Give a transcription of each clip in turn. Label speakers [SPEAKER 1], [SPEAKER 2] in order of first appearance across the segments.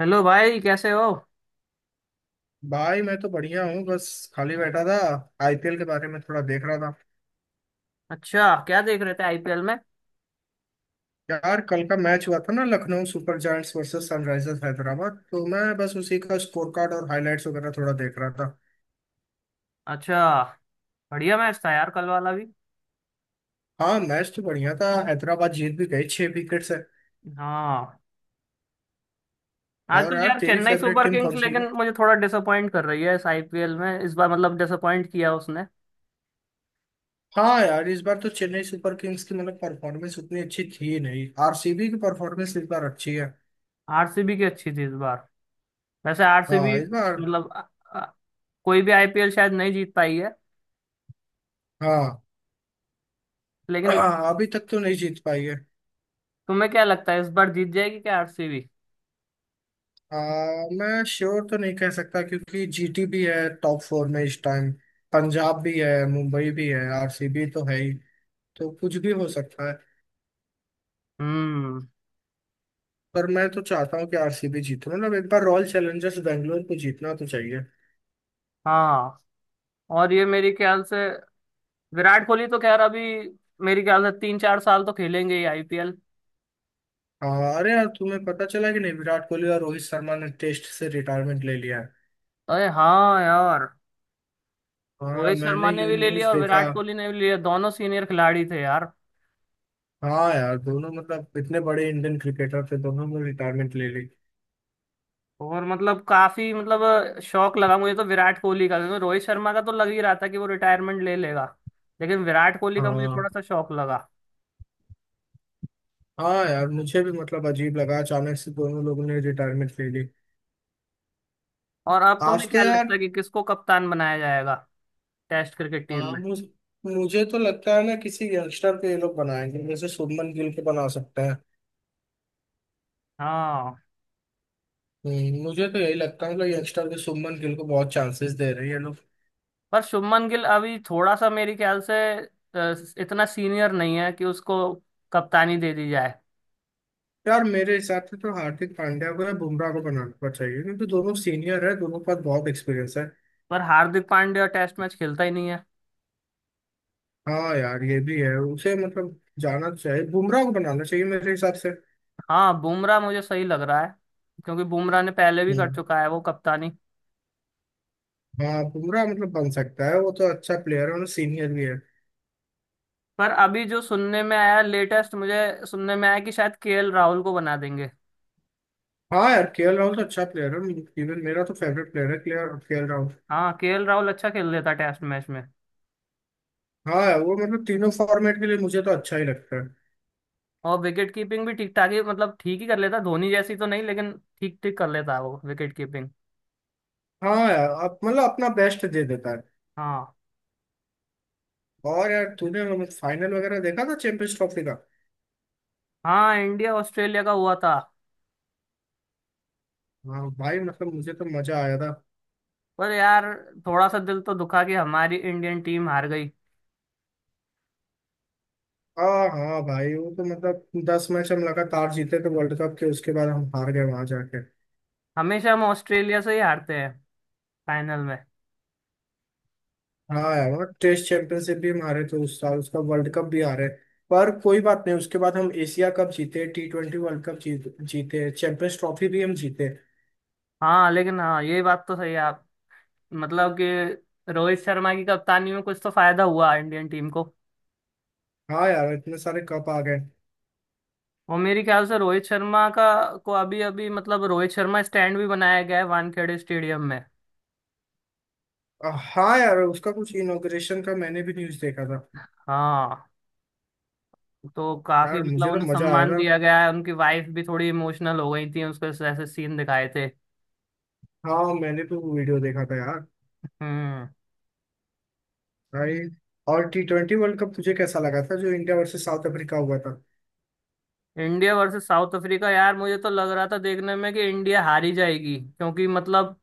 [SPEAKER 1] Hello भाई, कैसे हो।
[SPEAKER 2] भाई मैं तो बढ़िया हूँ। बस खाली बैठा था। आईपीएल के बारे में थोड़ा देख रहा था।
[SPEAKER 1] अच्छा, क्या देख रहे थे आईपीएल में।
[SPEAKER 2] यार कल का मैच हुआ था ना, Lucknow Super Giants versus Sunrisers Hyderabad, तो मैं बस उसी का स्कोर कार्ड और हाइलाइट्स वगैरह थोड़ा देख रहा था।
[SPEAKER 1] अच्छा। बढ़िया मैच था यार कल वाला भी।
[SPEAKER 2] हाँ, मैच तो बढ़िया था। हैदराबाद जीत भी गई 6 विकेट से।
[SPEAKER 1] हाँ।
[SPEAKER 2] और
[SPEAKER 1] आजकल
[SPEAKER 2] यार,
[SPEAKER 1] यार
[SPEAKER 2] तेरी
[SPEAKER 1] Chennai
[SPEAKER 2] favourite
[SPEAKER 1] Super
[SPEAKER 2] team
[SPEAKER 1] Kings,
[SPEAKER 2] कौन सी है?
[SPEAKER 1] लेकिन मुझे थोड़ा डिसअपॉइंट कर रही है इस आईपीएल में इस बार। मतलब डिसअपॉइंट किया उसने।
[SPEAKER 2] हाँ यार, इस बार तो चेन्नई सुपर किंग्स की मतलब परफॉर्मेंस उतनी अच्छी थी नहीं। आरसीबी की परफॉर्मेंस इस बार अच्छी है।
[SPEAKER 1] आरसीबी की अच्छी थी इस बार। वैसे
[SPEAKER 2] हाँ,
[SPEAKER 1] आरसीबी
[SPEAKER 2] इस बार।
[SPEAKER 1] मतलब अ- कोई भी आईपीएल शायद नहीं जीत पाई है,
[SPEAKER 2] हाँ।
[SPEAKER 1] लेकिन।
[SPEAKER 2] हाँ, अभी तक तो नहीं जीत पाई है।
[SPEAKER 1] तुम्हें क्या लगता है इस बार जीत जाएगी क्या आरसीबी?
[SPEAKER 2] आ, मैं श्योर तो नहीं कह सकता, क्योंकि जीटी भी है टॉप फोर में इस टाइम। पंजाब भी है, मुंबई भी है, आरसीबी तो है ही। तो कुछ भी हो सकता है।
[SPEAKER 1] हम्म।
[SPEAKER 2] पर मैं तो चाहता हूँ कि आरसीबी जीते, मतलब एक बार रॉयल चैलेंजर्स बैंगलोर को जीतना तो चाहिए।
[SPEAKER 1] हाँ। और ये मेरे ख्याल से विराट कोहली तो खैर अभी, मेरे ख्याल से 3 4 साल तो खेलेंगे ही आईपीएल।
[SPEAKER 2] हाँ, अरे यार, तुम्हें पता चला कि नहीं, विराट कोहली और रोहित शर्मा ने टेस्ट से रिटायरमेंट ले लिया है।
[SPEAKER 1] अरे, हाँ यार।
[SPEAKER 2] हाँ,
[SPEAKER 1] रोहित शर्मा
[SPEAKER 2] मैंने
[SPEAKER 1] ने
[SPEAKER 2] ये
[SPEAKER 1] भी ले लिया
[SPEAKER 2] न्यूज
[SPEAKER 1] और
[SPEAKER 2] देखा।
[SPEAKER 1] विराट कोहली ने भी ले लिया, दोनों सीनियर खिलाड़ी थे यार।
[SPEAKER 2] हाँ यार, दोनों मतलब इतने बड़े इंडियन क्रिकेटर थे, दोनों ने रिटायरमेंट ले ली।
[SPEAKER 1] और मतलब काफी मतलब शौक लगा मुझे तो विराट कोहली का, क्योंकि रोहित शर्मा का तो लग ही रहा था कि वो रिटायरमेंट ले लेगा। लेकिन विराट कोहली का मुझे
[SPEAKER 2] हाँ।
[SPEAKER 1] थोड़ा सा शौक लगा।
[SPEAKER 2] हाँ यार, मुझे भी मतलब अजीब लगा, अचानक से दोनों लोगों ने रिटायरमेंट ले ली।
[SPEAKER 1] और अब तुम्हें
[SPEAKER 2] आज तो
[SPEAKER 1] क्या लगता
[SPEAKER 2] यार।
[SPEAKER 1] है कि किसको कप्तान बनाया जाएगा टेस्ट क्रिकेट टीम
[SPEAKER 2] हाँ,
[SPEAKER 1] में?
[SPEAKER 2] मुझे मुझे तो लगता है ना किसी यंगस्टर को ये लोग बनाएंगे, जैसे शुभमन गिल को बना सकते हैं।
[SPEAKER 1] हाँ।
[SPEAKER 2] मुझे तो यही लगता है, मतलब यंगस्टर को, शुभमन गिल को बहुत चांसेस दे रहे हैं ये लोग।
[SPEAKER 1] पर शुभमन गिल अभी थोड़ा सा मेरे ख्याल से अ, इतना सीनियर नहीं है कि उसको कप्तानी दे दी जाए।
[SPEAKER 2] यार, मेरे हिसाब से तो हार्दिक पांड्या को या बुमराह को बनाना चाहिए, क्योंकि दोनों सीनियर है, दोनों के पास बहुत एक्सपीरियंस है।
[SPEAKER 1] पर हार्दिक पांड्या टेस्ट मैच खेलता ही नहीं है।
[SPEAKER 2] हाँ यार, ये भी है, उसे मतलब जाना चाहिए, बुमराह को बनाना चाहिए मेरे हिसाब से।
[SPEAKER 1] हाँ, बुमराह मुझे सही लग रहा है, क्योंकि बुमराह ने पहले भी कर
[SPEAKER 2] हम्म।
[SPEAKER 1] चुका है वो कप्तानी।
[SPEAKER 2] हाँ, बुमराह मतलब बन सकता है, वो तो अच्छा प्लेयर है और सीनियर भी है।
[SPEAKER 1] पर अभी जो सुनने में आया लेटेस्ट, मुझे सुनने में आया कि शायद केएल राहुल को बना देंगे।
[SPEAKER 2] हाँ यार, केएल राहुल तो अच्छा प्लेयर है। इवन मेरा तो फेवरेट प्लेयर है केएल केएल राहुल।
[SPEAKER 1] हाँ, केएल राहुल अच्छा खेल लेता टेस्ट मैच में।
[SPEAKER 2] हाँ यार, वो मतलब तीनों फॉर्मेट के लिए मुझे तो अच्छा ही लगता है।
[SPEAKER 1] और विकेट कीपिंग भी ठीक ठाक ही, मतलब ठीक ही कर लेता, धोनी जैसी तो नहीं, लेकिन ठीक ठीक कर लेता है वो विकेट कीपिंग।
[SPEAKER 2] हाँ यार, अब मतलब अपना बेस्ट दे देता है।
[SPEAKER 1] हाँ।
[SPEAKER 2] और यार, तूने मतलब फाइनल वगैरह देखा था चैंपियंस ट्रॉफी का?
[SPEAKER 1] हाँ, इंडिया ऑस्ट्रेलिया का हुआ था।
[SPEAKER 2] हाँ भाई, मतलब मुझे तो मजा आया था।
[SPEAKER 1] पर यार थोड़ा सा दिल तो दुखा कि हमारी इंडियन टीम हार गई।
[SPEAKER 2] हाँ हाँ भाई, वो तो मतलब 10 मैच हम लगातार जीते थे वर्ल्ड कप के, उसके बाद हम हार गए वहां जाके।
[SPEAKER 1] हमेशा हम ऑस्ट्रेलिया से ही हारते हैं फाइनल में।
[SPEAKER 2] हाँ यार, मतलब टेस्ट चैंपियनशिप भी हमारे तो उस साल, उसका वर्ल्ड कप भी आ रहा है। पर कोई बात नहीं, उसके बाद हम एशिया कप जीते, टी ट्वेंटी वर्ल्ड कप जीते चैंपियंस ट्रॉफी भी हम जीते।
[SPEAKER 1] हाँ, लेकिन हाँ ये बात तो सही है आप। मतलब कि रोहित शर्मा की कप्तानी में कुछ तो फायदा हुआ इंडियन टीम को।
[SPEAKER 2] हाँ यार, इतने सारे कप आ गए।
[SPEAKER 1] और मेरे ख्याल से रोहित शर्मा का, को अभी अभी मतलब रोहित शर्मा स्टैंड भी बनाया गया है वानखेड़े स्टेडियम में।
[SPEAKER 2] अ, हाँ यार, उसका कुछ इनॉग्रेशन का मैंने भी न्यूज देखा था।
[SPEAKER 1] हाँ। तो काफी
[SPEAKER 2] यार
[SPEAKER 1] मतलब
[SPEAKER 2] मुझे तो
[SPEAKER 1] उन्हें
[SPEAKER 2] मजा आया
[SPEAKER 1] सम्मान
[SPEAKER 2] था।
[SPEAKER 1] दिया गया है, उनकी वाइफ भी थोड़ी इमोशनल हो गई थी, उसके ऐसे सीन दिखाए थे।
[SPEAKER 2] हाँ, मैंने तो वो वीडियो देखा था यार।
[SPEAKER 1] हम्म।
[SPEAKER 2] भाई, और टी ट्वेंटी वर्ल्ड कप तुझे कैसा लगा था, जो इंडिया वर्सेस साउथ अफ्रीका हुआ था?
[SPEAKER 1] इंडिया वर्सेस साउथ अफ्रीका यार, मुझे तो लग रहा था देखने में कि इंडिया हारी जाएगी, क्योंकि मतलब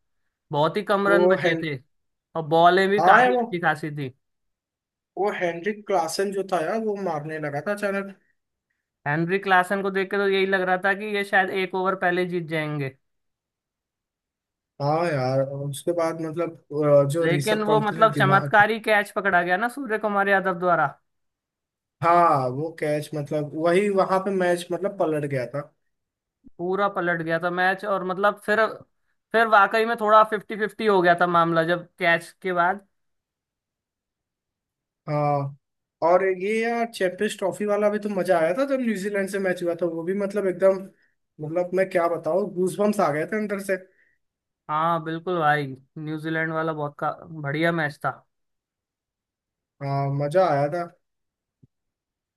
[SPEAKER 1] बहुत ही कम
[SPEAKER 2] वो
[SPEAKER 1] रन बचे
[SPEAKER 2] हैन।
[SPEAKER 1] थे। और बॉलें भी
[SPEAKER 2] हाँ यार,
[SPEAKER 1] काफी
[SPEAKER 2] वो
[SPEAKER 1] अच्छी खासी थी।
[SPEAKER 2] वो हेनरिक क्लासन जो था यार, वो मारने लगा था अचानक।
[SPEAKER 1] हेनरी क्लासन को देख के तो यही लग रहा था कि ये शायद एक ओवर पहले जीत जाएंगे।
[SPEAKER 2] हाँ यार, उसके बाद मतलब जो
[SPEAKER 1] लेकिन
[SPEAKER 2] ऋषभ
[SPEAKER 1] वो
[SPEAKER 2] पंत ने
[SPEAKER 1] मतलब
[SPEAKER 2] दिमाग।
[SPEAKER 1] चमत्कारी कैच पकड़ा गया ना सूर्य कुमार यादव द्वारा।
[SPEAKER 2] हाँ, वो कैच मतलब वही वहां पे मैच मतलब पलट गया था।
[SPEAKER 1] पूरा पलट गया था मैच, और मतलब फिर वाकई में थोड़ा फिफ्टी फिफ्टी हो गया था मामला जब कैच के बाद।
[SPEAKER 2] हाँ। और ये यार, चैंपियंस ट्रॉफी वाला भी तो मजा आया था जब न्यूजीलैंड से मैच हुआ था, वो भी मतलब एकदम। मतलब मैं क्या बताऊँ, गूजबम्स आ गए थे अंदर से।
[SPEAKER 1] हाँ, बिल्कुल भाई। न्यूजीलैंड वाला बहुत का बढ़िया मैच था।
[SPEAKER 2] हाँ, मजा आया था।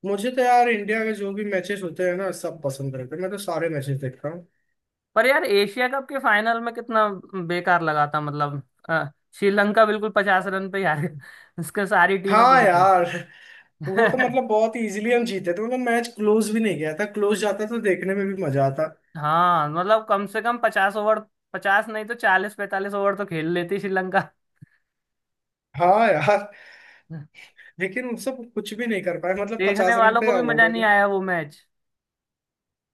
[SPEAKER 2] मुझे तो यार इंडिया के जो भी मैचेस होते हैं ना सब पसंद रहते हैं, मैं तो सारे मैचेस देखता हूँ।
[SPEAKER 1] पर यार एशिया कप के फाइनल में कितना बेकार लगा था, मतलब अ, श्रीलंका बिल्कुल 50 रन पे यार उसके सारी टीम आउट हो
[SPEAKER 2] हाँ
[SPEAKER 1] गई।
[SPEAKER 2] यार, वो तो मतलब बहुत इजीली हम जीते थे, मतलब मैच क्लोज भी नहीं गया था, क्लोज जाता तो देखने में भी मजा आता।
[SPEAKER 1] हाँ, मतलब कम से कम 50 ओवर, 50 नहीं तो 40 45 ओवर तो खेल लेती श्रीलंका।
[SPEAKER 2] हाँ यार। लेकिन उनसे कुछ भी नहीं कर पाए, मतलब
[SPEAKER 1] देखने
[SPEAKER 2] 50 रन
[SPEAKER 1] वालों
[SPEAKER 2] पे
[SPEAKER 1] को भी
[SPEAKER 2] आउट
[SPEAKER 1] मजा
[SPEAKER 2] हो
[SPEAKER 1] नहीं
[SPEAKER 2] गए।
[SPEAKER 1] आया वो मैच।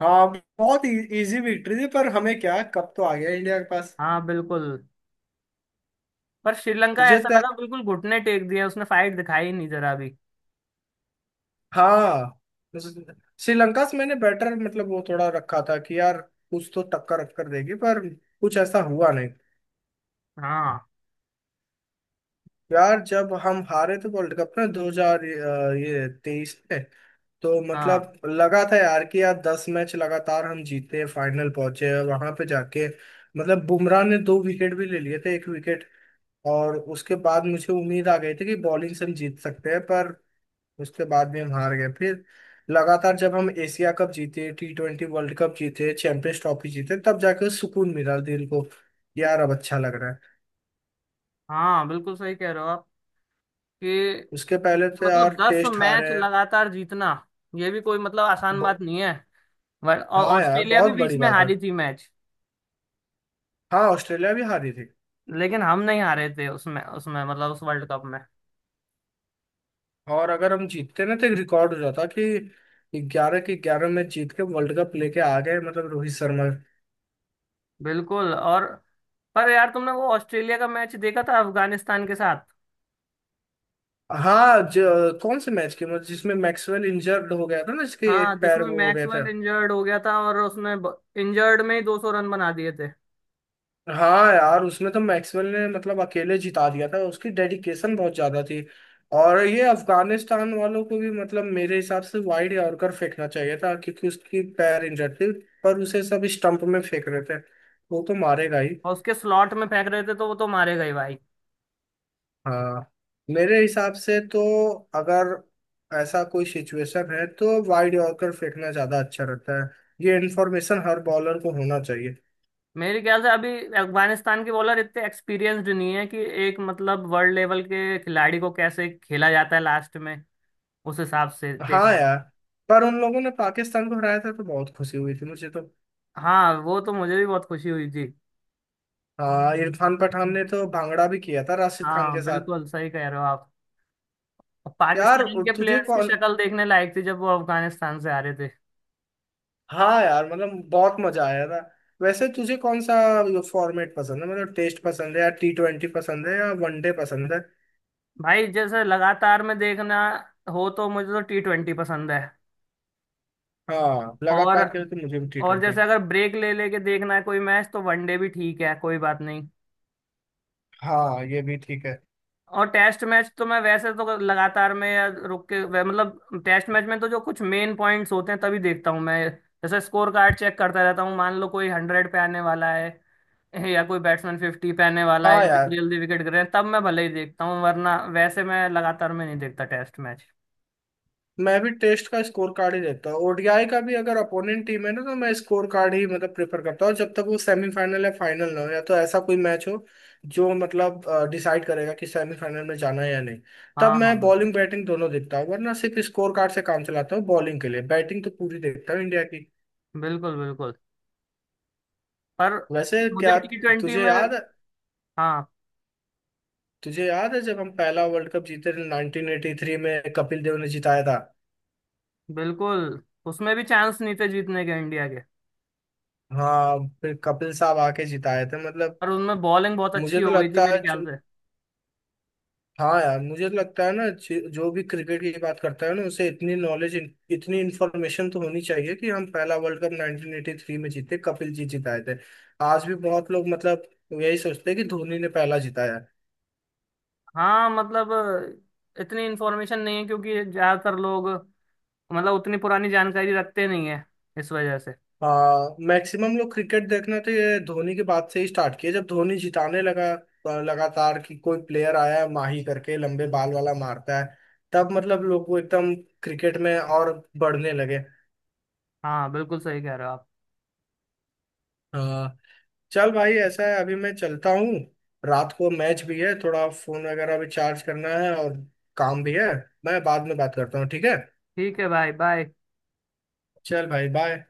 [SPEAKER 2] हाँ, बहुत इजी विक्ट्री थी, पर हमें क्या, कप तो आ गया इंडिया के पास।
[SPEAKER 1] हाँ, बिल्कुल। पर श्रीलंका
[SPEAKER 2] मुझे
[SPEAKER 1] ऐसा
[SPEAKER 2] तो।
[SPEAKER 1] लगा बिल्कुल घुटने टेक दिए उसने, फाइट दिखाई नहीं जरा भी।
[SPEAKER 2] हाँ, श्रीलंका से मैंने बेटर मतलब वो थोड़ा रखा था कि यार कुछ तो टक्कर रख कर देगी, पर कुछ ऐसा हुआ नहीं।
[SPEAKER 1] हाँ।
[SPEAKER 2] यार, जब हम हारे थे वर्ल्ड कप में दो हजार ये तेईस में, तो
[SPEAKER 1] हाँ।
[SPEAKER 2] मतलब लगा था यार कि यार 10 मैच लगातार हम जीते, फाइनल पहुंचे और वहां पे जाके। मतलब बुमराह ने 2 विकेट भी ले लिए थे, एक विकेट। और उसके बाद मुझे उम्मीद आ गई थी कि बॉलिंग से हम जीत सकते हैं, पर उसके बाद भी हम हार गए फिर। लगातार जब हम एशिया कप जीते, टी ट्वेंटी वर्ल्ड कप जीते, चैंपियंस ट्रॉफी जीते, तब जाके सुकून मिला दिल को। यार, अब अच्छा लग रहा है।
[SPEAKER 1] हाँ, बिल्कुल सही कह रहे हो आप कि,
[SPEAKER 2] उसके पहले तो यार
[SPEAKER 1] मतलब दस
[SPEAKER 2] टेस्ट
[SPEAKER 1] मैच
[SPEAKER 2] हारे
[SPEAKER 1] लगातार जीतना ये भी कोई मतलब आसान
[SPEAKER 2] हैं।
[SPEAKER 1] बात नहीं है। और
[SPEAKER 2] हाँ यार,
[SPEAKER 1] ऑस्ट्रेलिया भी
[SPEAKER 2] बहुत
[SPEAKER 1] बीच
[SPEAKER 2] बड़ी
[SPEAKER 1] में
[SPEAKER 2] बात है।
[SPEAKER 1] हारी थी मैच।
[SPEAKER 2] हाँ, ऑस्ट्रेलिया भी हारी थी।
[SPEAKER 1] लेकिन हम नहीं हारे थे उसमें उसमें मतलब उस वर्ल्ड कप में।
[SPEAKER 2] और अगर हम जीतते ना, तो एक रिकॉर्ड हो जाता कि 11 के 11 मैच जीत के वर्ल्ड कप लेके आ गए, मतलब रोहित शर्मा।
[SPEAKER 1] बिल्कुल। और पर यार तुमने वो ऑस्ट्रेलिया का मैच देखा था अफगानिस्तान के साथ?
[SPEAKER 2] हाँ कौन से मैच के, मतलब जिसमें मैक्सवेल इंजर्ड हो गया था ना, इसके
[SPEAKER 1] हाँ,
[SPEAKER 2] एक पैर
[SPEAKER 1] जिसमें
[SPEAKER 2] वो हो गया था।
[SPEAKER 1] मैक्सवेल इंजर्ड हो गया था और उसने इंजर्ड में ही 200 रन बना दिए थे।
[SPEAKER 2] हाँ यार, उसमें तो मैक्सवेल ने मतलब अकेले जिता दिया था, उसकी डेडिकेशन बहुत ज्यादा थी। और ये अफगानिस्तान वालों को भी मतलब मेरे हिसाब से वाइड यॉर्कर फेंकना चाहिए था, क्योंकि उसकी पैर इंजर्ड थी। पर उसे सब स्टंप में फेंक रहे थे, वो तो मारेगा ही।
[SPEAKER 1] और उसके स्लॉट में फेंक रहे थे तो वो तो मारे गए भाई।
[SPEAKER 2] हाँ। मेरे हिसाब से तो अगर ऐसा कोई सिचुएशन है तो वाइड यॉर्कर फेंकना ज्यादा अच्छा रहता है। ये इन्फॉर्मेशन हर बॉलर को होना चाहिए।
[SPEAKER 1] मेरे ख्याल से अभी अफगानिस्तान के बॉलर इतने एक्सपीरियंस्ड नहीं है कि एक मतलब वर्ल्ड लेवल के खिलाड़ी को कैसे खेला जाता है लास्ट में, उस हिसाब से देख
[SPEAKER 2] हाँ
[SPEAKER 1] रहे हैं।
[SPEAKER 2] यार, पर उन लोगों ने पाकिस्तान को हराया था तो बहुत खुशी हुई थी मुझे तो।
[SPEAKER 1] हाँ, वो तो मुझे भी बहुत खुशी हुई जी।
[SPEAKER 2] हाँ, इरफान पठान ने तो भांगड़ा भी किया था राशिद खान
[SPEAKER 1] हाँ,
[SPEAKER 2] के साथ।
[SPEAKER 1] बिल्कुल सही कह रहे हो आप। और
[SPEAKER 2] यार
[SPEAKER 1] पाकिस्तान के
[SPEAKER 2] तुझे
[SPEAKER 1] प्लेयर्स की
[SPEAKER 2] कौन
[SPEAKER 1] शक्ल देखने लायक थी जब वो अफगानिस्तान से आ रहे थे।
[SPEAKER 2] हाँ यार, मतलब बहुत मजा आया था। वैसे तुझे कौन सा फॉर्मेट पसंद है? मतलब टेस्ट पसंद है या टी ट्वेंटी पसंद है या वनडे पसंद है?
[SPEAKER 1] भाई जैसे लगातार में देखना हो तो मुझे तो टी ट्वेंटी पसंद है।
[SPEAKER 2] हाँ,
[SPEAKER 1] और
[SPEAKER 2] लगातार के लिए तो मुझे भी टी ट्वेंटी।
[SPEAKER 1] जैसे अगर ब्रेक ले लेके देखना है कोई मैच तो वनडे भी ठीक है, कोई बात नहीं।
[SPEAKER 2] हाँ, ये भी ठीक है।
[SPEAKER 1] और टेस्ट मैच तो मैं वैसे तो लगातार में या रुक के मतलब टेस्ट मैच में तो जो कुछ मेन पॉइंट्स होते हैं तभी देखता हूँ मैं। जैसे स्कोर कार्ड चेक करता रहता हूँ, मान लो कोई 100 पे आने वाला है। या कोई बैट्समैन 50 पे आने वाला है,
[SPEAKER 2] हाँ
[SPEAKER 1] जल्दी
[SPEAKER 2] यार,
[SPEAKER 1] जल्दी विकेट गिर रहे हैं, तब मैं भले ही देखता हूँ, वरना वैसे मैं लगातार में नहीं देखता टेस्ट मैच।
[SPEAKER 2] मैं भी टेस्ट का स्कोर कार्ड ही देखता हूँ, ओडीआई का भी अगर अपोनेंट टीम है ना तो मैं स्कोर कार्ड ही मतलब प्रेफर करता हूँ, जब तक वो सेमीफाइनल या फाइनल ना हो, या तो ऐसा कोई मैच हो जो मतलब डिसाइड करेगा कि सेमीफाइनल में जाना है या नहीं। तब
[SPEAKER 1] हाँ, हाँ,
[SPEAKER 2] मैं
[SPEAKER 1] बिल्कुल,
[SPEAKER 2] बॉलिंग बैटिंग दोनों देखता हूँ, वरना सिर्फ स्कोर कार्ड से काम चलाता हूँ बॉलिंग के लिए। बैटिंग तो पूरी देखता हूँ इंडिया की।
[SPEAKER 1] बिल्कुल, बिल्कुल, पर
[SPEAKER 2] वैसे
[SPEAKER 1] मुझे
[SPEAKER 2] क्या
[SPEAKER 1] टी ट्वेंटी
[SPEAKER 2] तुझे
[SPEAKER 1] में।
[SPEAKER 2] याद
[SPEAKER 1] हाँ,
[SPEAKER 2] तुझे याद है जब हम पहला वर्ल्ड कप जीते थे 1983 में, कपिल देव ने जिताया था।
[SPEAKER 1] बिल्कुल। उसमें भी चांस नहीं थे जीतने के इंडिया के।
[SPEAKER 2] हाँ, फिर कपिल साहब आके जिताए थे मतलब।
[SPEAKER 1] और उनमें बॉलिंग बहुत अच्छी
[SPEAKER 2] मुझे तो
[SPEAKER 1] हो गई थी
[SPEAKER 2] लगता
[SPEAKER 1] मेरे
[SPEAKER 2] है
[SPEAKER 1] ख्याल
[SPEAKER 2] जो
[SPEAKER 1] से।
[SPEAKER 2] हाँ यार, मुझे तो लगता है ना, जो भी क्रिकेट की बात करता है ना, उसे इतनी नॉलेज, इतनी इन्फॉर्मेशन तो होनी चाहिए कि हम पहला वर्ल्ड कप 1983 में जीते, कपिल जी जिताए थे। आज भी बहुत लोग मतलब यही सोचते हैं कि धोनी ने पहला जिताया है।
[SPEAKER 1] हाँ, मतलब इतनी इन्फॉर्मेशन नहीं है, क्योंकि ज़्यादातर लोग मतलब उतनी पुरानी जानकारी रखते नहीं है, इस वजह से।
[SPEAKER 2] हाँ, मैक्सिमम लोग क्रिकेट देखना तो ये धोनी के बाद से ही स्टार्ट किया, जब धोनी जिताने लगा लगातार, कि कोई प्लेयर आया है माही करके लंबे बाल वाला, मारता है, तब मतलब लोग को एकदम क्रिकेट में और बढ़ने
[SPEAKER 1] हाँ, बिल्कुल सही कह रहे हो आप।
[SPEAKER 2] लगे। चल भाई, ऐसा है अभी मैं चलता हूँ। रात को मैच भी है, थोड़ा फोन वगैरह भी चार्ज करना है, और काम भी है। मैं बाद में बात करता हूँ, ठीक है।
[SPEAKER 1] ठीक है भाई, बाय।
[SPEAKER 2] चल भाई, बाय।